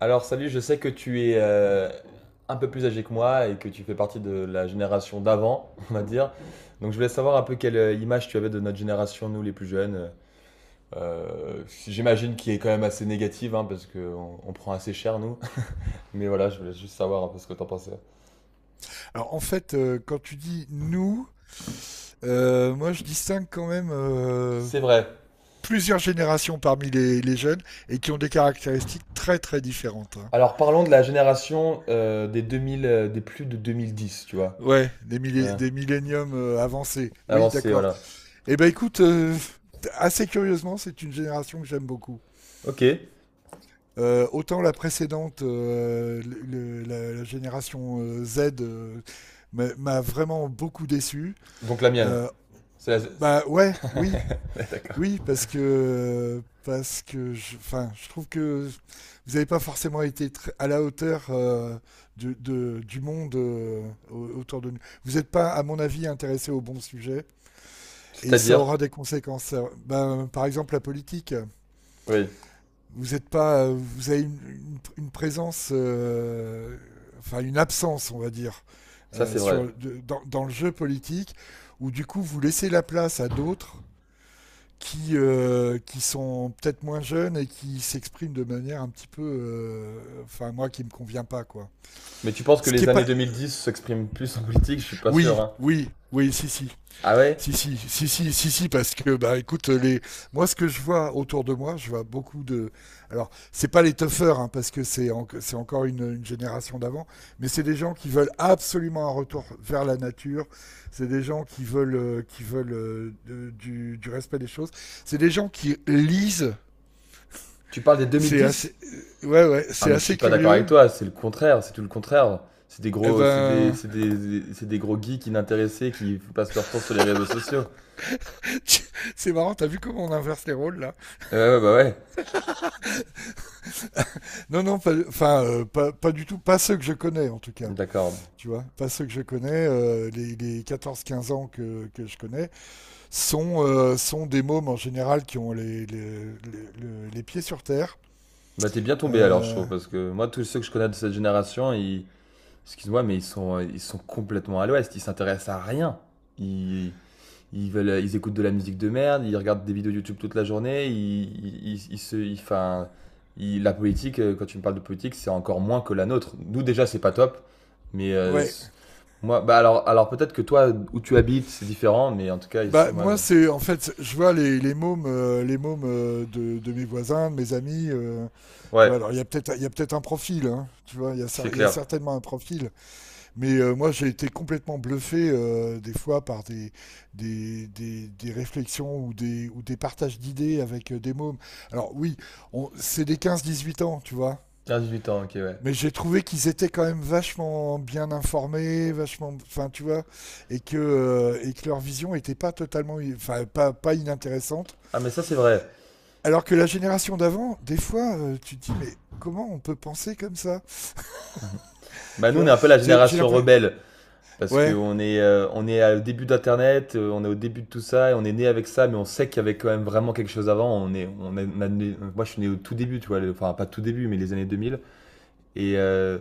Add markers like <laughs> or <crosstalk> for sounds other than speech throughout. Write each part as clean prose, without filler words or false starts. Alors salut, je sais que tu es un peu plus âgé que moi et que tu fais partie de la génération d'avant, <laughs> on va dire. Donc je voulais savoir un peu quelle image tu avais de notre génération, nous les plus jeunes. J'imagine qui est quand même assez négative, hein, parce qu'on on prend assez cher, nous. <laughs> Mais voilà, je voulais juste savoir un peu ce que t'en pensais. Alors en fait, quand tu dis nous, moi je distingue quand même, C'est vrai. plusieurs générations parmi les jeunes et qui ont des caractéristiques très très différentes, hein. Alors parlons de la génération des 2000, des plus de 2010, tu vois. Ouais, des, millé- Ouais. des milléniums avancés. Oui, Avancée, d'accord. voilà. Eh ben écoute, assez curieusement, c'est une génération que j'aime beaucoup. Ok. Autant la précédente, la génération Z, m'a vraiment beaucoup déçu. Donc la mienne. Euh, C'est la... <laughs> c'est- Bah ouais, oui. D'accord. Oui, parce que je, enfin, je trouve que vous n'avez pas forcément été à la hauteur, du monde autour de nous. Vous n'êtes pas, à mon avis, intéressé au bon sujet, et ça C'est-à-dire? aura des conséquences. Ben, par exemple, la politique. Oui. Vous n'êtes pas, vous avez une présence, enfin une absence, on va dire, Ça, c'est vrai. dans le jeu politique, où du coup vous laissez la place à d'autres qui sont peut-être moins jeunes et qui s'expriment de manière un petit peu, enfin moi qui me convient pas quoi. Mais tu penses que Ce qui est les années pas, 2010 s'expriment plus en politique? Je suis pas Oui, sûr, hein. oui, oui, si, si, Ah ouais. si, si, si, si, si, si, parce que bah écoute les, moi ce que je vois autour de moi, je vois beaucoup de, alors c'est pas les toughers, hein, parce que c'est encore une génération d'avant, mais c'est des gens qui veulent absolument un retour vers la nature, c'est des gens qui veulent du respect des choses, c'est des gens qui lisent. Tu parles des C'est 2010? assez, ouais, ouais, Ah, c'est mais je assez suis pas d'accord avec curieux. toi. C'est le contraire. C'est tout le contraire. C'est des Eh gros, ben, c'est des- C'est des gros geeks inintéressés qui passent leur temps sur les réseaux sociaux. <laughs> c'est marrant, t'as vu comment on inverse les rôles là. Ouais, ouais, bah ouais. Non, non, enfin, pas du tout, pas ceux que je connais en tout cas, D'accord. tu vois, pas ceux que je connais, les 14-15 ans que je connais, sont, sont des mômes en général qui ont les pieds sur terre. Bah t'es bien tombé alors, je Euh, trouve, parce que moi, tous ceux que je connais de cette génération, excuse-moi, mais ils sont complètement à l'ouest. Ils s'intéressent à rien. Ils, ils écoutent de la musique de merde, ils regardent des vidéos YouTube toute la journée, ils se, ils, 'fin, ils- la politique, quand tu me parles de politique, c'est encore moins que la nôtre. Nous déjà, c'est pas top, mais ouais. Moi, bah alors peut-être que toi, où tu habites, c'est différent, mais en tout cas Bah, ici, moi, c'est en fait, je vois les mômes, les mômes de mes voisins, de mes amis. Tu ouais, vois, alors il y a peut-être un profil, hein, tu vois, c'est il y a clair. certainement un profil. Mais moi, j'ai été complètement bluffé des fois par des réflexions ou des partages d'idées avec des mômes. Alors oui, c'est des 15-18 ans, tu vois. 15-18 ans, ok, ouais. Mais j'ai trouvé qu'ils étaient quand même vachement bien informés, vachement, enfin tu vois, et que leur vision était pas totalement, enfin pas inintéressante. Ah mais ça c'est vrai. Alors que la génération d'avant, des fois, tu te dis mais comment on peut penser comme ça, Bah tu nous, on est vois. un peu la J'ai génération l'impression. rebelle. Parce Ouais. qu'on est, on est au début d'Internet, on est au début de tout ça, et on est né avec ça, mais on sait qu'il y avait quand même vraiment quelque chose avant. On est, on est- on a né- moi, je suis né au tout début, tu vois, enfin pas tout début, mais les années 2000. Et, euh,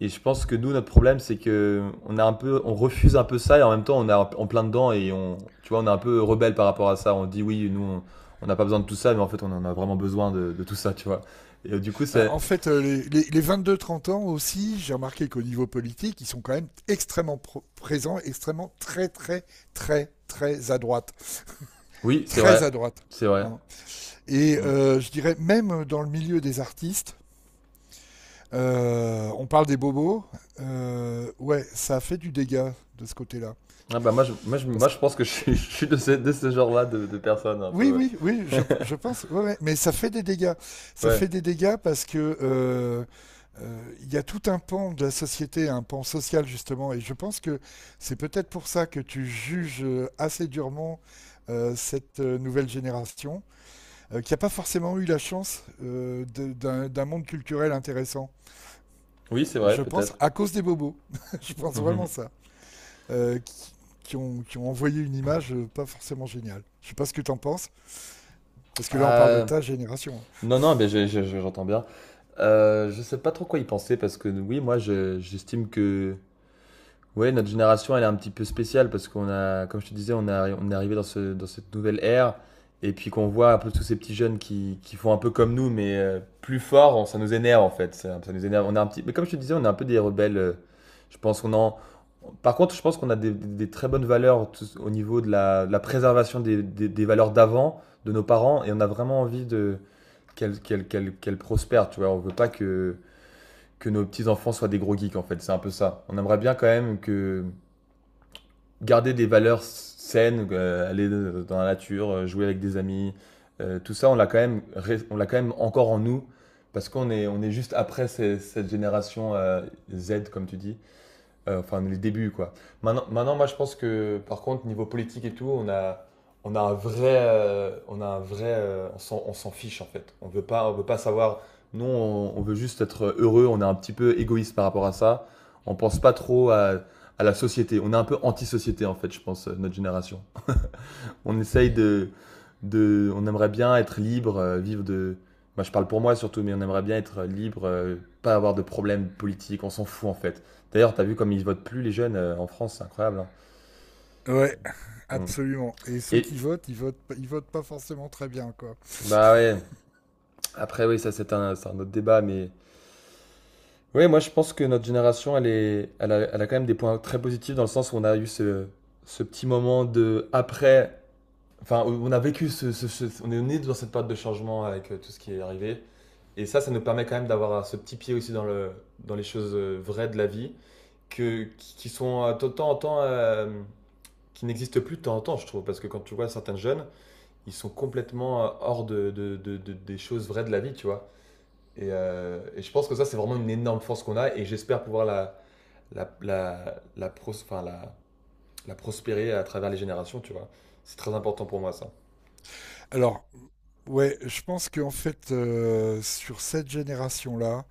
et je pense que nous, notre problème, c'est que on a un peu, on refuse un peu ça, et en même temps, on est en plein dedans, et on, tu vois, on est un peu rebelle par rapport à ça. On dit oui, nous, on n'a pas besoin de tout ça, mais en fait, on en a vraiment besoin de tout ça, tu vois. Et du coup, Bah, c'est, en fait, les 22-30 ans aussi, j'ai remarqué qu'au niveau politique, ils sont quand même extrêmement présents, extrêmement très très très très à droite, oui, c'est très vrai, à droite, c'est vrai. hein. Et Mm. Je dirais même dans le milieu des artistes. On parle des bobos. Ouais, ça a fait du dégât de ce côté-là. Parce Je que. pense que je suis, <laughs> je suis de ce genre-là de personnes un Oui, peu. Ouais. oui, oui, je pense. Ouais, ouais, mais ça fait des dégâts. Ça Ouais. fait des dégâts parce que il y a tout un pan de la société, un pan social justement, et je pense que c'est peut-être pour ça que tu juges, assez durement cette nouvelle génération, qui n'a pas forcément eu la chance d'un monde culturel intéressant. Oui, c'est vrai, Je pense peut-être. à cause des bobos. <laughs> Je pense vraiment <laughs> ça. euh, qui, qui ont envoyé une image pas forcément géniale. Je sais pas ce que t'en penses, parce que là on parle de Euh, ta génération. non, non, mais j'entends bien. Je sais pas trop quoi y penser parce que oui, j'estime que oui, notre génération, elle est un petit peu spéciale parce comme je te disais, on est arrivé dans cette nouvelle ère et puis qu'on voit un peu tous ces petits jeunes qui font un peu comme nous, mais plus fort, ça nous énerve en fait. Ça nous énerve. On est un petit, mais comme je te disais, on est un peu des rebelles. Je pense qu'on en. Par contre, je pense qu'on a des très bonnes valeurs au niveau de de la préservation des valeurs d'avant, de nos parents, et on a vraiment envie de qu'elles prospèrent. Tu vois, on veut pas que nos petits enfants soient des gros geeks en fait. C'est un peu ça. On aimerait bien quand même que garder des valeurs saines, aller dans la nature, jouer avec des amis, tout ça, on l'a quand même, on l'a quand même encore en nous parce on est juste après cette génération Z, comme tu dis, enfin, les débuts, quoi. Maintenant, moi, je pense que, par contre, niveau politique et tout, on a un vrai, on s'en fiche en fait. On veut pas savoir. On veut juste être heureux. On est un petit peu égoïste par rapport à ça. On pense pas trop à la société. On est un peu anti-société en fait, je pense, notre génération. On essaye de, on aimerait bien être libre, vivre de. Moi, je parle pour moi surtout, mais on aimerait bien être libre, pas avoir de problèmes politiques. On s'en fout en fait. D'ailleurs, t'as vu comme ils votent plus les jeunes en France, c'est incroyable, hein. Ouais, On- absolument. Et ceux qui Et votent, ils votent pas forcément très bien, quoi. bah ouais. Après, oui, ça c'est un autre débat, mais oui moi je pense que notre génération, elle a quand même des points très positifs dans le sens où on a eu ce petit moment de après. Enfin, on a vécu on est né dans cette période de changement avec tout ce qui est arrivé. Et ça nous permet quand même d'avoir ce petit pied aussi dans dans les choses vraies de la vie, qui sont de temps en temps, qui n'existent plus de temps en temps, je trouve. Parce que quand tu vois certains jeunes, ils sont complètement hors des choses vraies de la vie, tu vois. Et je pense que ça, c'est vraiment une énorme force qu'on a et j'espère pouvoir enfin, la prospérer à travers les générations, tu vois. C'est très important pour moi, ça. Alors, ouais, je pense qu'en fait, sur cette génération-là,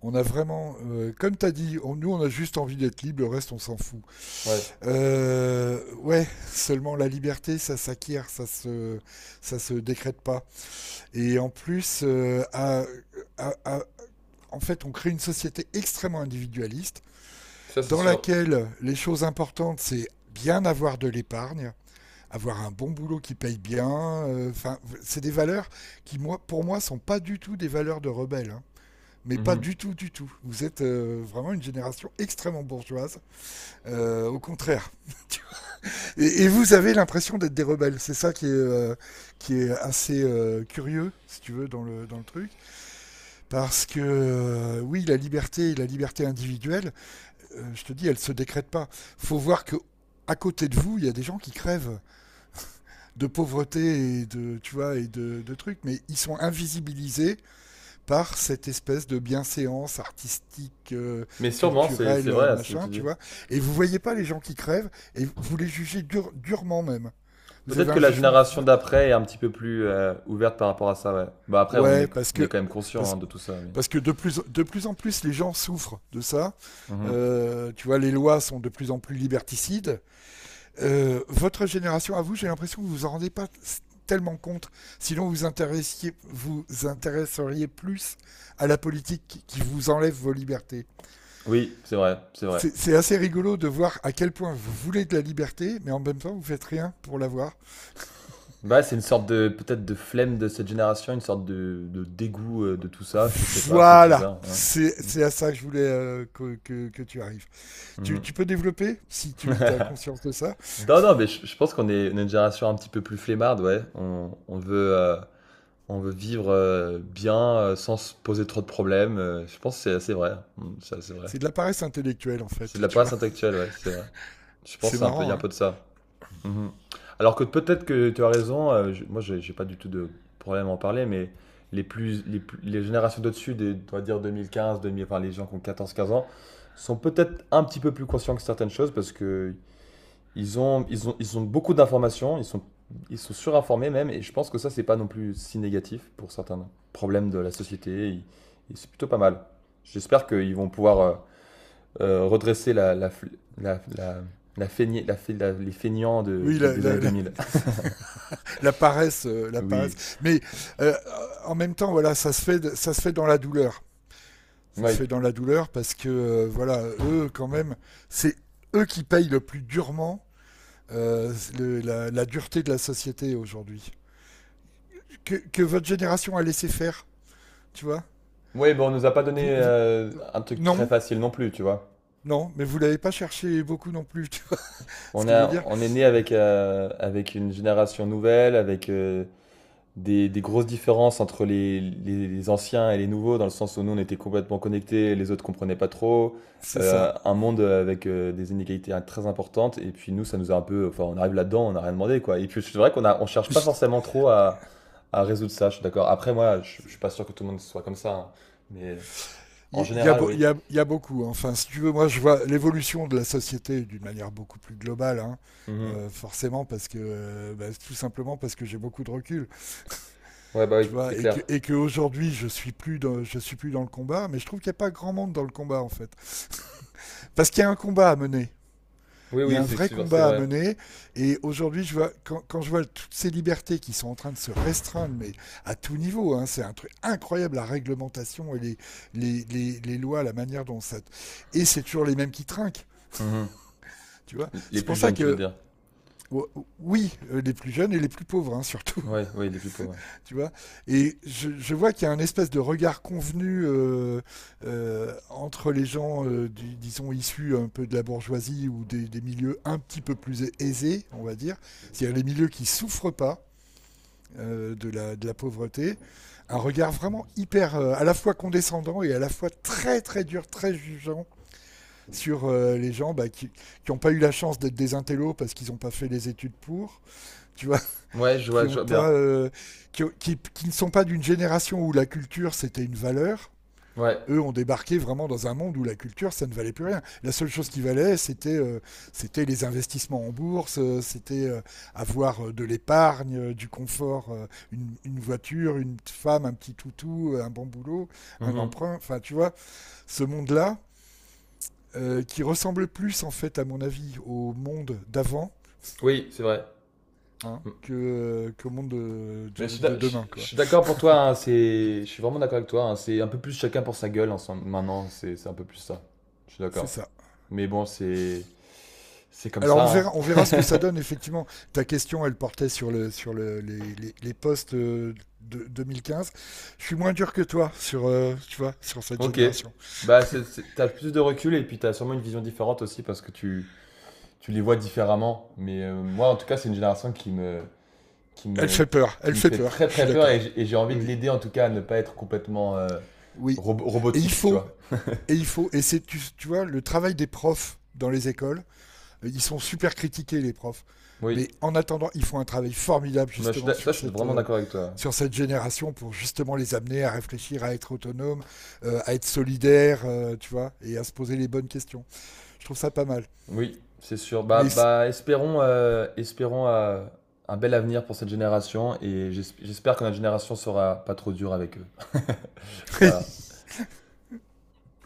on a vraiment, comme t'as dit, nous on a juste envie d'être libre, le reste on s'en fout. Ouais, Ouais, seulement la liberté, ça s'acquiert, ça se décrète pas. Et en plus, à- à- en fait, on crée une société extrêmement individualiste ça, c'est dans sûr. laquelle les choses importantes, c'est bien avoir de l'épargne, avoir un bon boulot qui paye bien. Enfin, c'est des valeurs qui, moi, pour moi, sont pas du tout des valeurs de rebelles, hein. Mais pas Mhm. du tout, du tout. Vous êtes vraiment une génération extrêmement bourgeoise. Au contraire. <laughs> Et vous avez l'impression d'être des rebelles. C'est ça qui est assez curieux, si tu veux, dans le truc. Parce que, oui, la liberté individuelle, je te dis, elle ne se décrète pas. Il faut voir que à côté de vous, il y a des gens qui crèvent de pauvreté tu vois, et de trucs, mais ils sont invisibilisés par cette espèce de bienséance artistique, Mais sûrement, c'est culturelle, vrai ce que machin, tu tu dis. vois. Et vous voyez pas les gens qui crèvent et vous les jugez durement même. Vous Peut-être avez que un la jugement. génération d'après est un petit peu plus ouverte par rapport à ça, ouais. Bah après, Ouais, on est quand même conscient parce, hein, de tout ça, mais... parce que de plus en plus, les gens souffrent de ça. Mhm. Tu vois, les lois sont de plus en plus liberticides. Votre génération, à vous, j'ai l'impression que vous vous en rendez pas tellement compte. Sinon, vous intéresseriez plus à la politique qui vous enlève vos libertés. Oui, c'est vrai, c'est vrai. C'est assez rigolo de voir à quel point vous voulez de la liberté, mais en même temps, vous faites rien pour l'avoir. Bah c'est une sorte de, peut-être de flemme de cette génération, une sorte de dégoût de tout ça, je sais pas, c'est Voilà, bizarre, ouais. c'est Mhm. c'est à ça que je voulais, que tu arrives. Tu, Mhm. tu peux développer, si tu as conscience de ça. Non, non, mais je pense on est une génération un petit peu plus flemmarde, ouais. On veut vivre bien, sans se poser trop de problèmes. Je pense que c'est assez vrai. Mm, c'est assez vrai. C'est de la paresse intellectuelle, en C'est fait, de la tu paresse vois. actuelle, ouais, c'est vrai. Je C'est pense qu'il y marrant, a un hein. peu de ça. Mhm. Alors que peut-être que tu as raison, moi j'ai pas du tout de problème à en parler, mais les générations d'au-dessus, des- on va dire 2015, 2000, enfin les gens qui ont 14-15 ans, sont peut-être un petit peu plus conscients que certaines choses parce que ils ont beaucoup d'informations, ils sont surinformés même, et je pense que ça c'est pas non plus si négatif pour certains problèmes de la société, et c'est plutôt pas mal. J'espère qu'ils vont pouvoir redresser la, la, la feignée- la fe- la- les feignants Oui, la, des années la- deux la- mille la paresse, <laughs> la Oui. paresse. Mais euh, en même temps, voilà, ça se fait dans la douleur. Ça Oui. se fait dans la douleur parce que, voilà, eux quand même, c'est eux qui payent le plus durement la dureté de la société aujourd'hui. Que votre génération a laissé faire, tu vois. Oui, bon, on nous a pas donné Vous- vous- euh, un truc très non, facile non plus, tu vois. non, mais vous l'avez pas cherché beaucoup non plus, <laughs> tu vois ce que je veux dire. On est né avec, avec une génération nouvelle, avec des grosses différences entre les anciens et les nouveaux, dans le sens où nous on était complètement connectés, les autres comprenaient pas trop. C'est ça. Un monde avec des inégalités très importantes, et puis nous ça nous a un peu. Enfin, on arrive là-dedans, on n'a rien demandé quoi. Et puis c'est vrai on cherche pas forcément trop à résoudre ça, je suis d'accord. Après, je suis pas sûr que tout le monde soit comme ça, hein, mais en Il y a, général, beau- oui. Il y a beaucoup, hein. Enfin, si tu veux, moi, je vois l'évolution de la société d'une manière beaucoup plus globale, hein. Mhm. Forcément, parce que, bah, tout simplement parce que j'ai beaucoup de recul, Ouais, bah oui, tu c'est vois, et que clair. et que aujourd'hui, je suis plus dans le combat, mais je trouve qu'il n'y a pas grand monde dans le combat en fait, parce qu'il y a un combat à mener. Oui, Il y a oui, un c'est vrai sûr, c'est combat à vrai. mener. Et aujourd'hui, je vois toutes ces libertés qui sont en train de se restreindre, mais à tout niveau, hein, c'est un truc incroyable, la réglementation et les lois, la manière dont ça... Et c'est toujours les mêmes qui trinquent, Mhm. tu vois. Les C'est plus pour ça jeunes, tu veux que... dire. Oh, oui, les plus jeunes et les plus pauvres, hein, surtout. Ouais, ouais, les plus pauvres, Tu vois. Et je vois qu'il y a un espèce de regard convenu, entre les gens, disons, issus un peu de la bourgeoisie ou des milieux un petit peu plus aisés, on va dire, c'est-à-dire les milieux qui souffrent pas de la pauvreté, un regard vraiment hyper, à la fois condescendant et à la fois très très dur, très jugeant sur les gens, bah, qui n'ont pas eu la chance d'être des intellos parce qu'ils n'ont pas fait les études pour, tu vois, ouais. Ouais, qui je ont vois bien. pas, qui ne sont pas d'une génération où la culture c'était une valeur. Ouais. Eux ont débarqué vraiment dans un monde où la culture, ça ne valait plus rien. La seule chose qui valait, c'était les investissements en bourse, c'était, avoir, de l'épargne, du confort, une voiture, une femme, un petit toutou, un bon boulot, un Mhm. emprunt. Enfin, tu vois, ce monde-là, qui ressemble plus, en fait, à mon avis, au monde d'avant, Oui, c'est vrai. hein, Mm. Monde de, Mais de, de demain, je quoi. suis d'accord pour toi, hein, c'est... Je suis vraiment d'accord avec toi, hein, c'est un peu plus chacun pour sa gueule ensemble. Maintenant, c'est un peu plus ça. Je suis C'est d'accord. ça. Mais bon, c'est... C'est comme Alors ça, on hein. verra, on verra ce que ça donne effectivement. Ta question, elle portait sur les postes de 2015. Je suis moins dur que toi sur tu vois, sur cette Ok. génération. Bah, t'as plus de recul et puis t'as sûrement une vision différente aussi parce que tu les vois différemment. Mais moi, en tout cas, c'est une génération qui Elle me, fait peur, qui elle me fait fait peur. très Je suis très peur et d'accord. J'ai envie Oui, de oui, l'aider en tout cas à ne pas être complètement oui. Et il robotique, tu faut, vois. et il faut, et c'est tu vois le travail des profs dans les écoles. Ils sont super critiqués, les profs. Oui, Mais en attendant, ils font un travail formidable moi, justement ça, sur je suis cette, vraiment euh, d'accord avec toi. sur cette génération pour justement les amener à réfléchir, à être autonomes, à être solidaires, tu vois, et à se poser les bonnes questions. Je trouve ça pas mal. Oui, c'est sûr. Mais c- Espérons un bel avenir pour cette génération et j'espère que notre génération sera pas trop dure avec eux. Voilà. <laughs>